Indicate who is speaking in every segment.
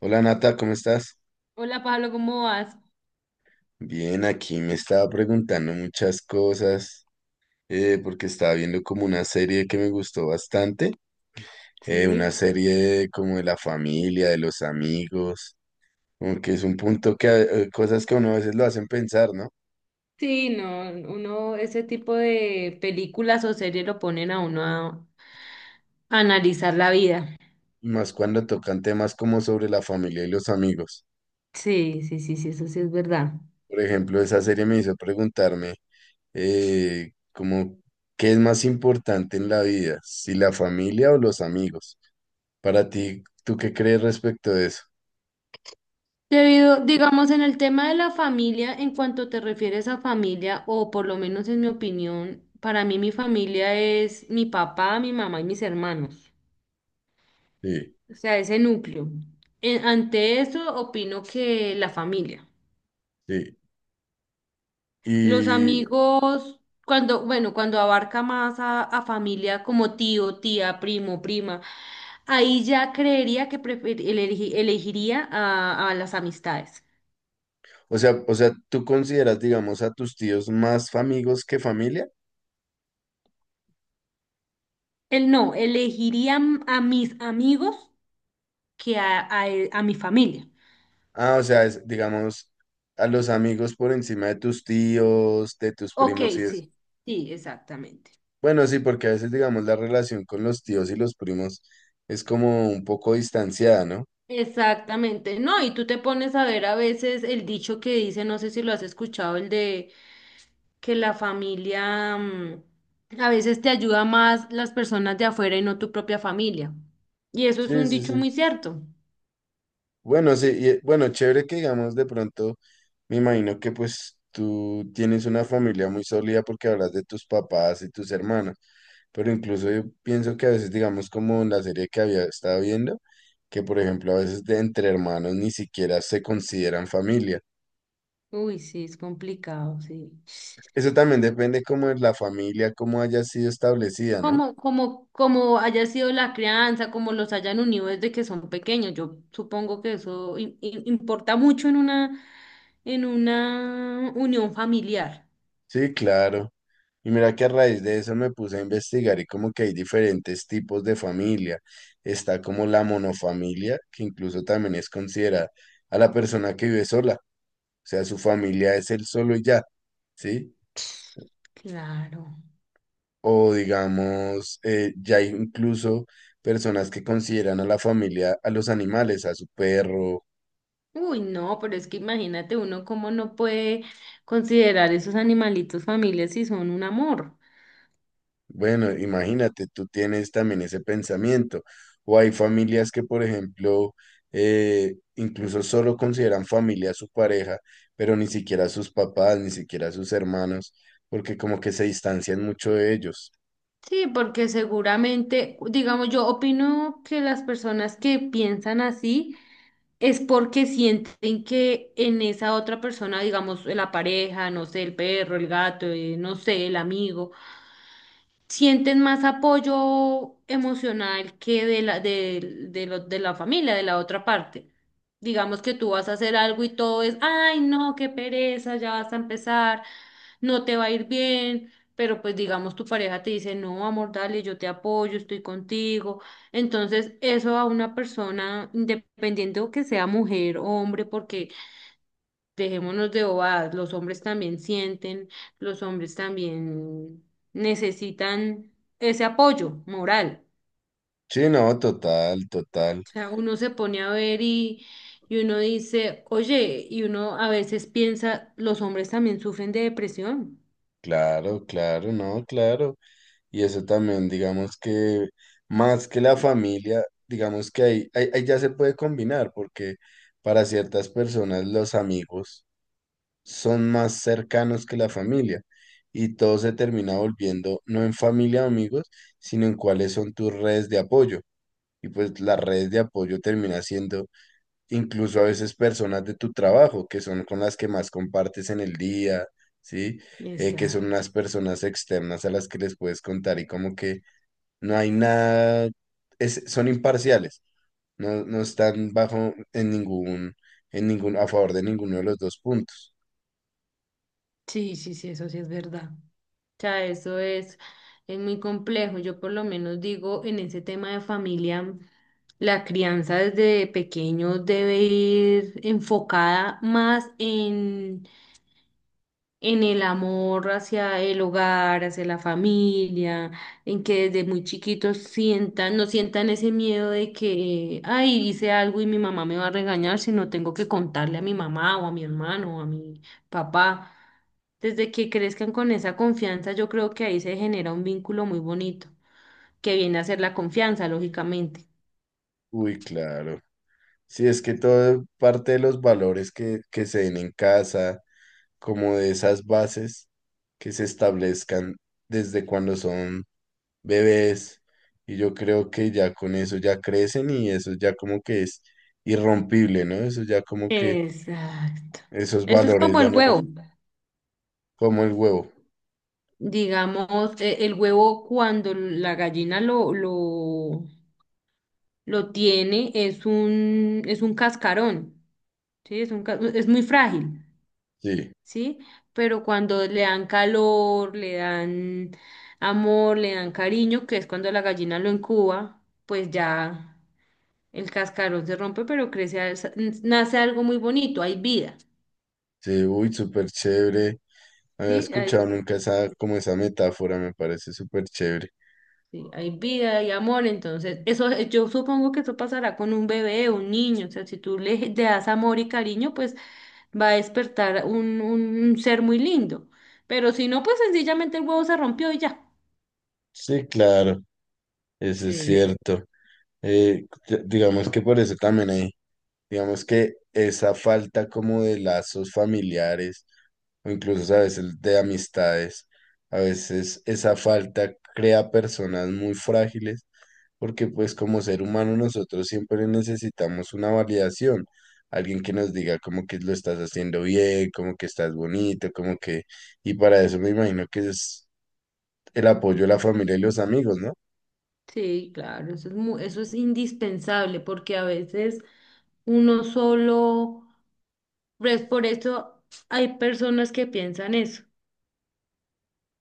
Speaker 1: Hola Nata, ¿cómo estás?
Speaker 2: Hola Pablo, ¿cómo vas?
Speaker 1: Bien, aquí me estaba preguntando muchas cosas porque estaba viendo como una serie que me gustó bastante, una
Speaker 2: Sí,
Speaker 1: serie como de la familia, de los amigos, como que es un punto que cosas que a uno a veces lo hacen pensar, ¿no?
Speaker 2: sí, no, uno, ese tipo de películas o series lo ponen a uno a analizar la vida.
Speaker 1: Y más cuando tocan temas como sobre la familia y los amigos.
Speaker 2: Sí, sí, sí, sí, eso sí es verdad.
Speaker 1: Por ejemplo, esa serie me hizo preguntarme como, ¿qué es más importante en la vida? ¿Si la familia o los amigos? Para ti, ¿tú qué crees respecto de eso?
Speaker 2: Debido, digamos, en el tema de la familia, en cuanto te refieres a familia, o por lo menos en mi opinión, para mí mi familia es mi papá, mi mamá y mis hermanos.
Speaker 1: Sí,
Speaker 2: O sea, ese núcleo. Ante eso, opino que la familia.
Speaker 1: sí.
Speaker 2: Los
Speaker 1: Y,
Speaker 2: amigos, cuando, bueno, cuando abarca más a familia como tío, tía, primo, prima, ahí ya creería que elegiría a las amistades.
Speaker 1: o sea, ¿tú consideras, digamos, a tus tíos más amigos que familia?
Speaker 2: Él no, elegiría a mis amigos que a, a mi familia.
Speaker 1: Ah, o sea, es, digamos, a los amigos por encima de tus tíos, de tus
Speaker 2: Ok,
Speaker 1: primos y es.
Speaker 2: sí, sí, exactamente.
Speaker 1: Bueno, sí, porque a veces, digamos, la relación con los tíos y los primos es como un poco distanciada, ¿no?
Speaker 2: Exactamente, no, y tú te pones a ver a veces el dicho que dice, no sé si lo has escuchado, el de que la familia, a veces te ayuda más las personas de afuera y no tu propia familia. Y eso es
Speaker 1: Sí,
Speaker 2: un
Speaker 1: sí,
Speaker 2: dicho muy
Speaker 1: sí.
Speaker 2: cierto.
Speaker 1: Bueno, sí, y, bueno, chévere que digamos de pronto, me imagino que pues tú tienes una familia muy sólida porque hablas de tus papás y tus hermanos, pero incluso yo pienso que a veces, digamos, como en la serie que había estado viendo, que por ejemplo a veces de entre hermanos ni siquiera se consideran familia.
Speaker 2: Uy, sí, es complicado, sí.
Speaker 1: Eso también depende como de la familia, cómo haya sido establecida, ¿no?
Speaker 2: Como, como, como haya sido la crianza, como los hayan unido desde que son pequeños. Yo supongo que eso importa mucho en una unión familiar.
Speaker 1: Sí, claro. Y mira que a raíz de eso me puse a investigar y como que hay diferentes tipos de familia. Está como la monofamilia, que incluso también es considerada a la persona que vive sola. O sea, su familia es él solo y ya, ¿sí?
Speaker 2: Claro.
Speaker 1: O digamos, ya hay incluso personas que consideran a la familia, a los animales, a su perro.
Speaker 2: Uy, no, pero es que imagínate uno cómo no puede considerar esos animalitos familias si son un amor.
Speaker 1: Bueno, imagínate, tú tienes también ese pensamiento. O hay familias que, por ejemplo, incluso solo consideran familia a su pareja, pero ni siquiera a sus papás, ni siquiera a sus hermanos, porque como que se distancian mucho de ellos.
Speaker 2: Sí, porque seguramente, digamos, yo opino que las personas que piensan así es porque sienten que en esa otra persona, digamos, la pareja, no sé, el perro, el gato, no sé, el amigo, sienten más apoyo emocional que de la, de, de la familia, de la otra parte. Digamos que tú vas a hacer algo y todo es, ay, no, qué pereza, ya vas a empezar, no te va a ir bien, pero pues digamos tu pareja te dice, no, amor, dale, yo te apoyo, estoy contigo. Entonces, eso a una persona, independiente o que sea mujer o hombre, porque dejémonos de bobadas, los hombres también sienten, los hombres también necesitan ese apoyo moral.
Speaker 1: Sí, no, total, total.
Speaker 2: O sea, uno se pone a ver y uno dice, oye, y uno a veces piensa, los hombres también sufren de depresión.
Speaker 1: Claro, claro, no, claro. Y eso también, digamos que más que la familia, digamos que ahí, ahí ya se puede combinar, porque para ciertas personas los amigos son más cercanos que la familia y todo se termina volviendo no en familia o amigos, sino en cuáles son tus redes de apoyo. Y pues las redes de apoyo termina siendo incluso a veces personas de tu trabajo, que son con las que más compartes en el día, ¿sí?
Speaker 2: Y
Speaker 1: Que son unas personas externas a las que les puedes contar y como que no hay nada, son imparciales, no, no están bajo en ningún, a favor de ninguno de los dos puntos.
Speaker 2: sí, sí, sí, eso sí es verdad. Sea, eso es muy complejo. Yo por lo menos digo, en ese tema de familia, la crianza desde pequeño debe ir enfocada más en el amor hacia el hogar, hacia la familia, en que desde muy chiquitos sientan, no sientan ese miedo de que, ay, hice algo y mi mamá me va a regañar, sino tengo que contarle a mi mamá o a mi hermano o a mi papá. Desde que crezcan con esa confianza, yo creo que ahí se genera un vínculo muy bonito, que viene a ser la confianza, lógicamente.
Speaker 1: Uy, claro. Sí, es que todo parte de los valores que se den en casa, como de esas bases que se establezcan desde cuando son bebés. Y yo creo que ya con eso ya crecen y eso ya como que es irrompible, ¿no? Eso ya como que
Speaker 2: Exacto.
Speaker 1: esos
Speaker 2: Eso es
Speaker 1: valores
Speaker 2: como
Speaker 1: ya
Speaker 2: el
Speaker 1: no los...
Speaker 2: huevo.
Speaker 1: Como el huevo.
Speaker 2: Digamos, el huevo cuando la gallina lo tiene, es un cascarón, ¿sí? Es un, es muy frágil,
Speaker 1: Sí,
Speaker 2: ¿sí? Pero cuando le dan calor, le dan amor, le dan cariño, que es cuando la gallina lo incuba, pues ya el cascarón se rompe, pero crece, nace algo muy bonito, hay vida,
Speaker 1: sí, uy, súper chévere. No había
Speaker 2: ¿sí?
Speaker 1: escuchado nunca esa, como esa metáfora, me parece súper chévere.
Speaker 2: Sí, hay vida, hay amor, entonces eso yo supongo que eso pasará con un bebé, un niño, o sea, si tú le das amor y cariño, pues va a despertar un ser muy lindo, pero si no, pues sencillamente el huevo se rompió y ya.
Speaker 1: Sí, claro, eso es
Speaker 2: Sí,
Speaker 1: cierto. Digamos que por eso también hay, digamos que esa falta como de lazos familiares o incluso a veces de amistades, a veces esa falta crea personas muy frágiles porque pues como ser humano nosotros siempre necesitamos una validación, alguien que nos diga como que lo estás haciendo bien, como que estás bonito, como que, y para eso me imagino que es el apoyo de la familia y los amigos, ¿no?
Speaker 2: sí, claro, eso es eso es indispensable porque a veces uno solo, pues por eso hay personas que piensan eso,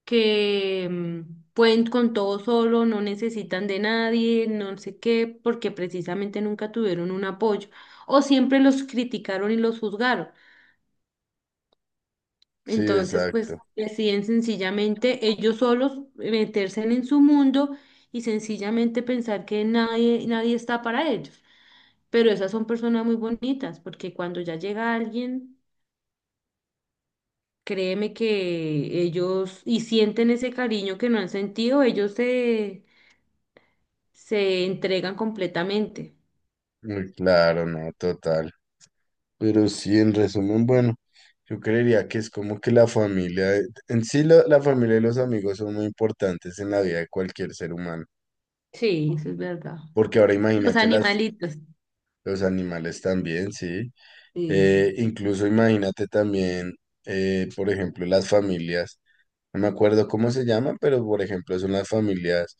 Speaker 2: que pueden con todo solo, no necesitan de nadie, no sé qué, porque precisamente nunca tuvieron un apoyo o siempre los criticaron y los juzgaron.
Speaker 1: Sí,
Speaker 2: Entonces, pues
Speaker 1: exacto.
Speaker 2: deciden sencillamente ellos solos meterse en su mundo y sencillamente pensar que nadie, nadie está para ellos. Pero esas son personas muy bonitas, porque cuando ya llega alguien, créeme que ellos y sienten ese cariño que no han sentido, ellos se se entregan completamente.
Speaker 1: Muy claro, no, total. Pero sí, en resumen, bueno, yo creería que es como que la familia, en sí la familia y los amigos son muy importantes en la vida de cualquier ser humano,
Speaker 2: Sí, eso es verdad.
Speaker 1: porque ahora
Speaker 2: Los
Speaker 1: imagínate las,
Speaker 2: animalitos.
Speaker 1: los animales también, sí.
Speaker 2: Sí, sí,
Speaker 1: Incluso imagínate también, por ejemplo, las familias. No me acuerdo cómo se llama, pero por ejemplo son las familias,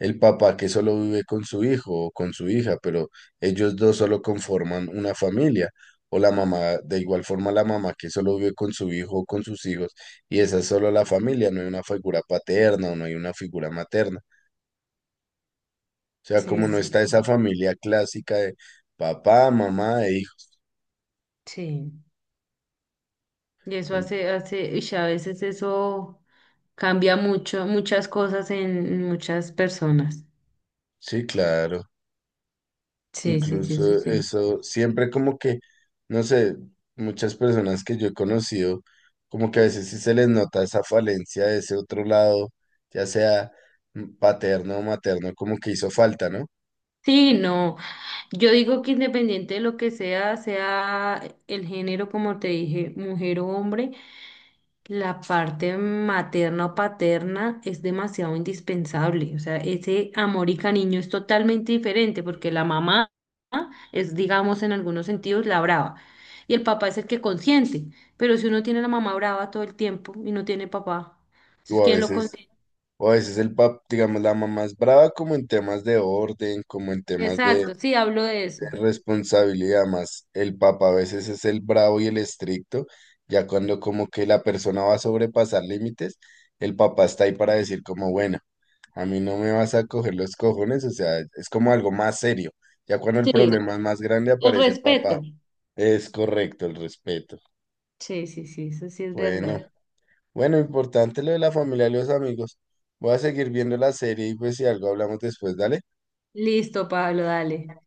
Speaker 1: el papá que solo vive con su hijo o con su hija, pero ellos dos solo conforman una familia, o la mamá, de igual forma la mamá que solo vive con su hijo o con sus hijos, y esa es solo la familia, no hay una figura paterna o no hay una figura materna. O sea, como
Speaker 2: sí,
Speaker 1: no
Speaker 2: sí,
Speaker 1: está esa
Speaker 2: sí.
Speaker 1: familia clásica de papá, mamá e hijos.
Speaker 2: Sí. Y eso hace, hace, y a veces eso cambia mucho, muchas cosas en muchas personas.
Speaker 1: Sí, claro.
Speaker 2: Sí, sí, sí, eso
Speaker 1: Incluso
Speaker 2: sí.
Speaker 1: eso, siempre como que, no sé, muchas personas que yo he conocido, como que a veces sí se les nota esa falencia de ese otro lado, ya sea paterno o materno, como que hizo falta, ¿no?
Speaker 2: Sí, no, yo digo que independiente de lo que sea, sea el género, como te dije, mujer o hombre, la parte materna o paterna es demasiado indispensable. O sea, ese amor y cariño es totalmente diferente porque la mamá es, digamos, en algunos sentidos la brava y el papá es el que consiente. Pero si uno tiene a la mamá brava todo el tiempo y no tiene papá, entonces
Speaker 1: O a
Speaker 2: ¿quién lo
Speaker 1: veces,
Speaker 2: consiente?
Speaker 1: o a veces el pap, digamos, la mamá es brava como en temas de orden, como en temas de,
Speaker 2: Exacto, sí, hablo de eso.
Speaker 1: responsabilidad más. El papa a veces es el bravo y el estricto, ya cuando como que la persona va a sobrepasar límites, el papá está ahí para decir como, bueno, a mí no me vas a coger los cojones, o sea, es como algo más serio. Ya cuando el
Speaker 2: Sí,
Speaker 1: problema es más grande
Speaker 2: el
Speaker 1: aparece el papá.
Speaker 2: respeto.
Speaker 1: Es correcto el respeto.
Speaker 2: Sí, sí, sí, eso sí es
Speaker 1: Bueno,
Speaker 2: verdad.
Speaker 1: bueno, importante lo de la familia y los amigos. Voy a seguir viendo la serie y pues si algo hablamos después, dale.
Speaker 2: Listo, Pablo, dale.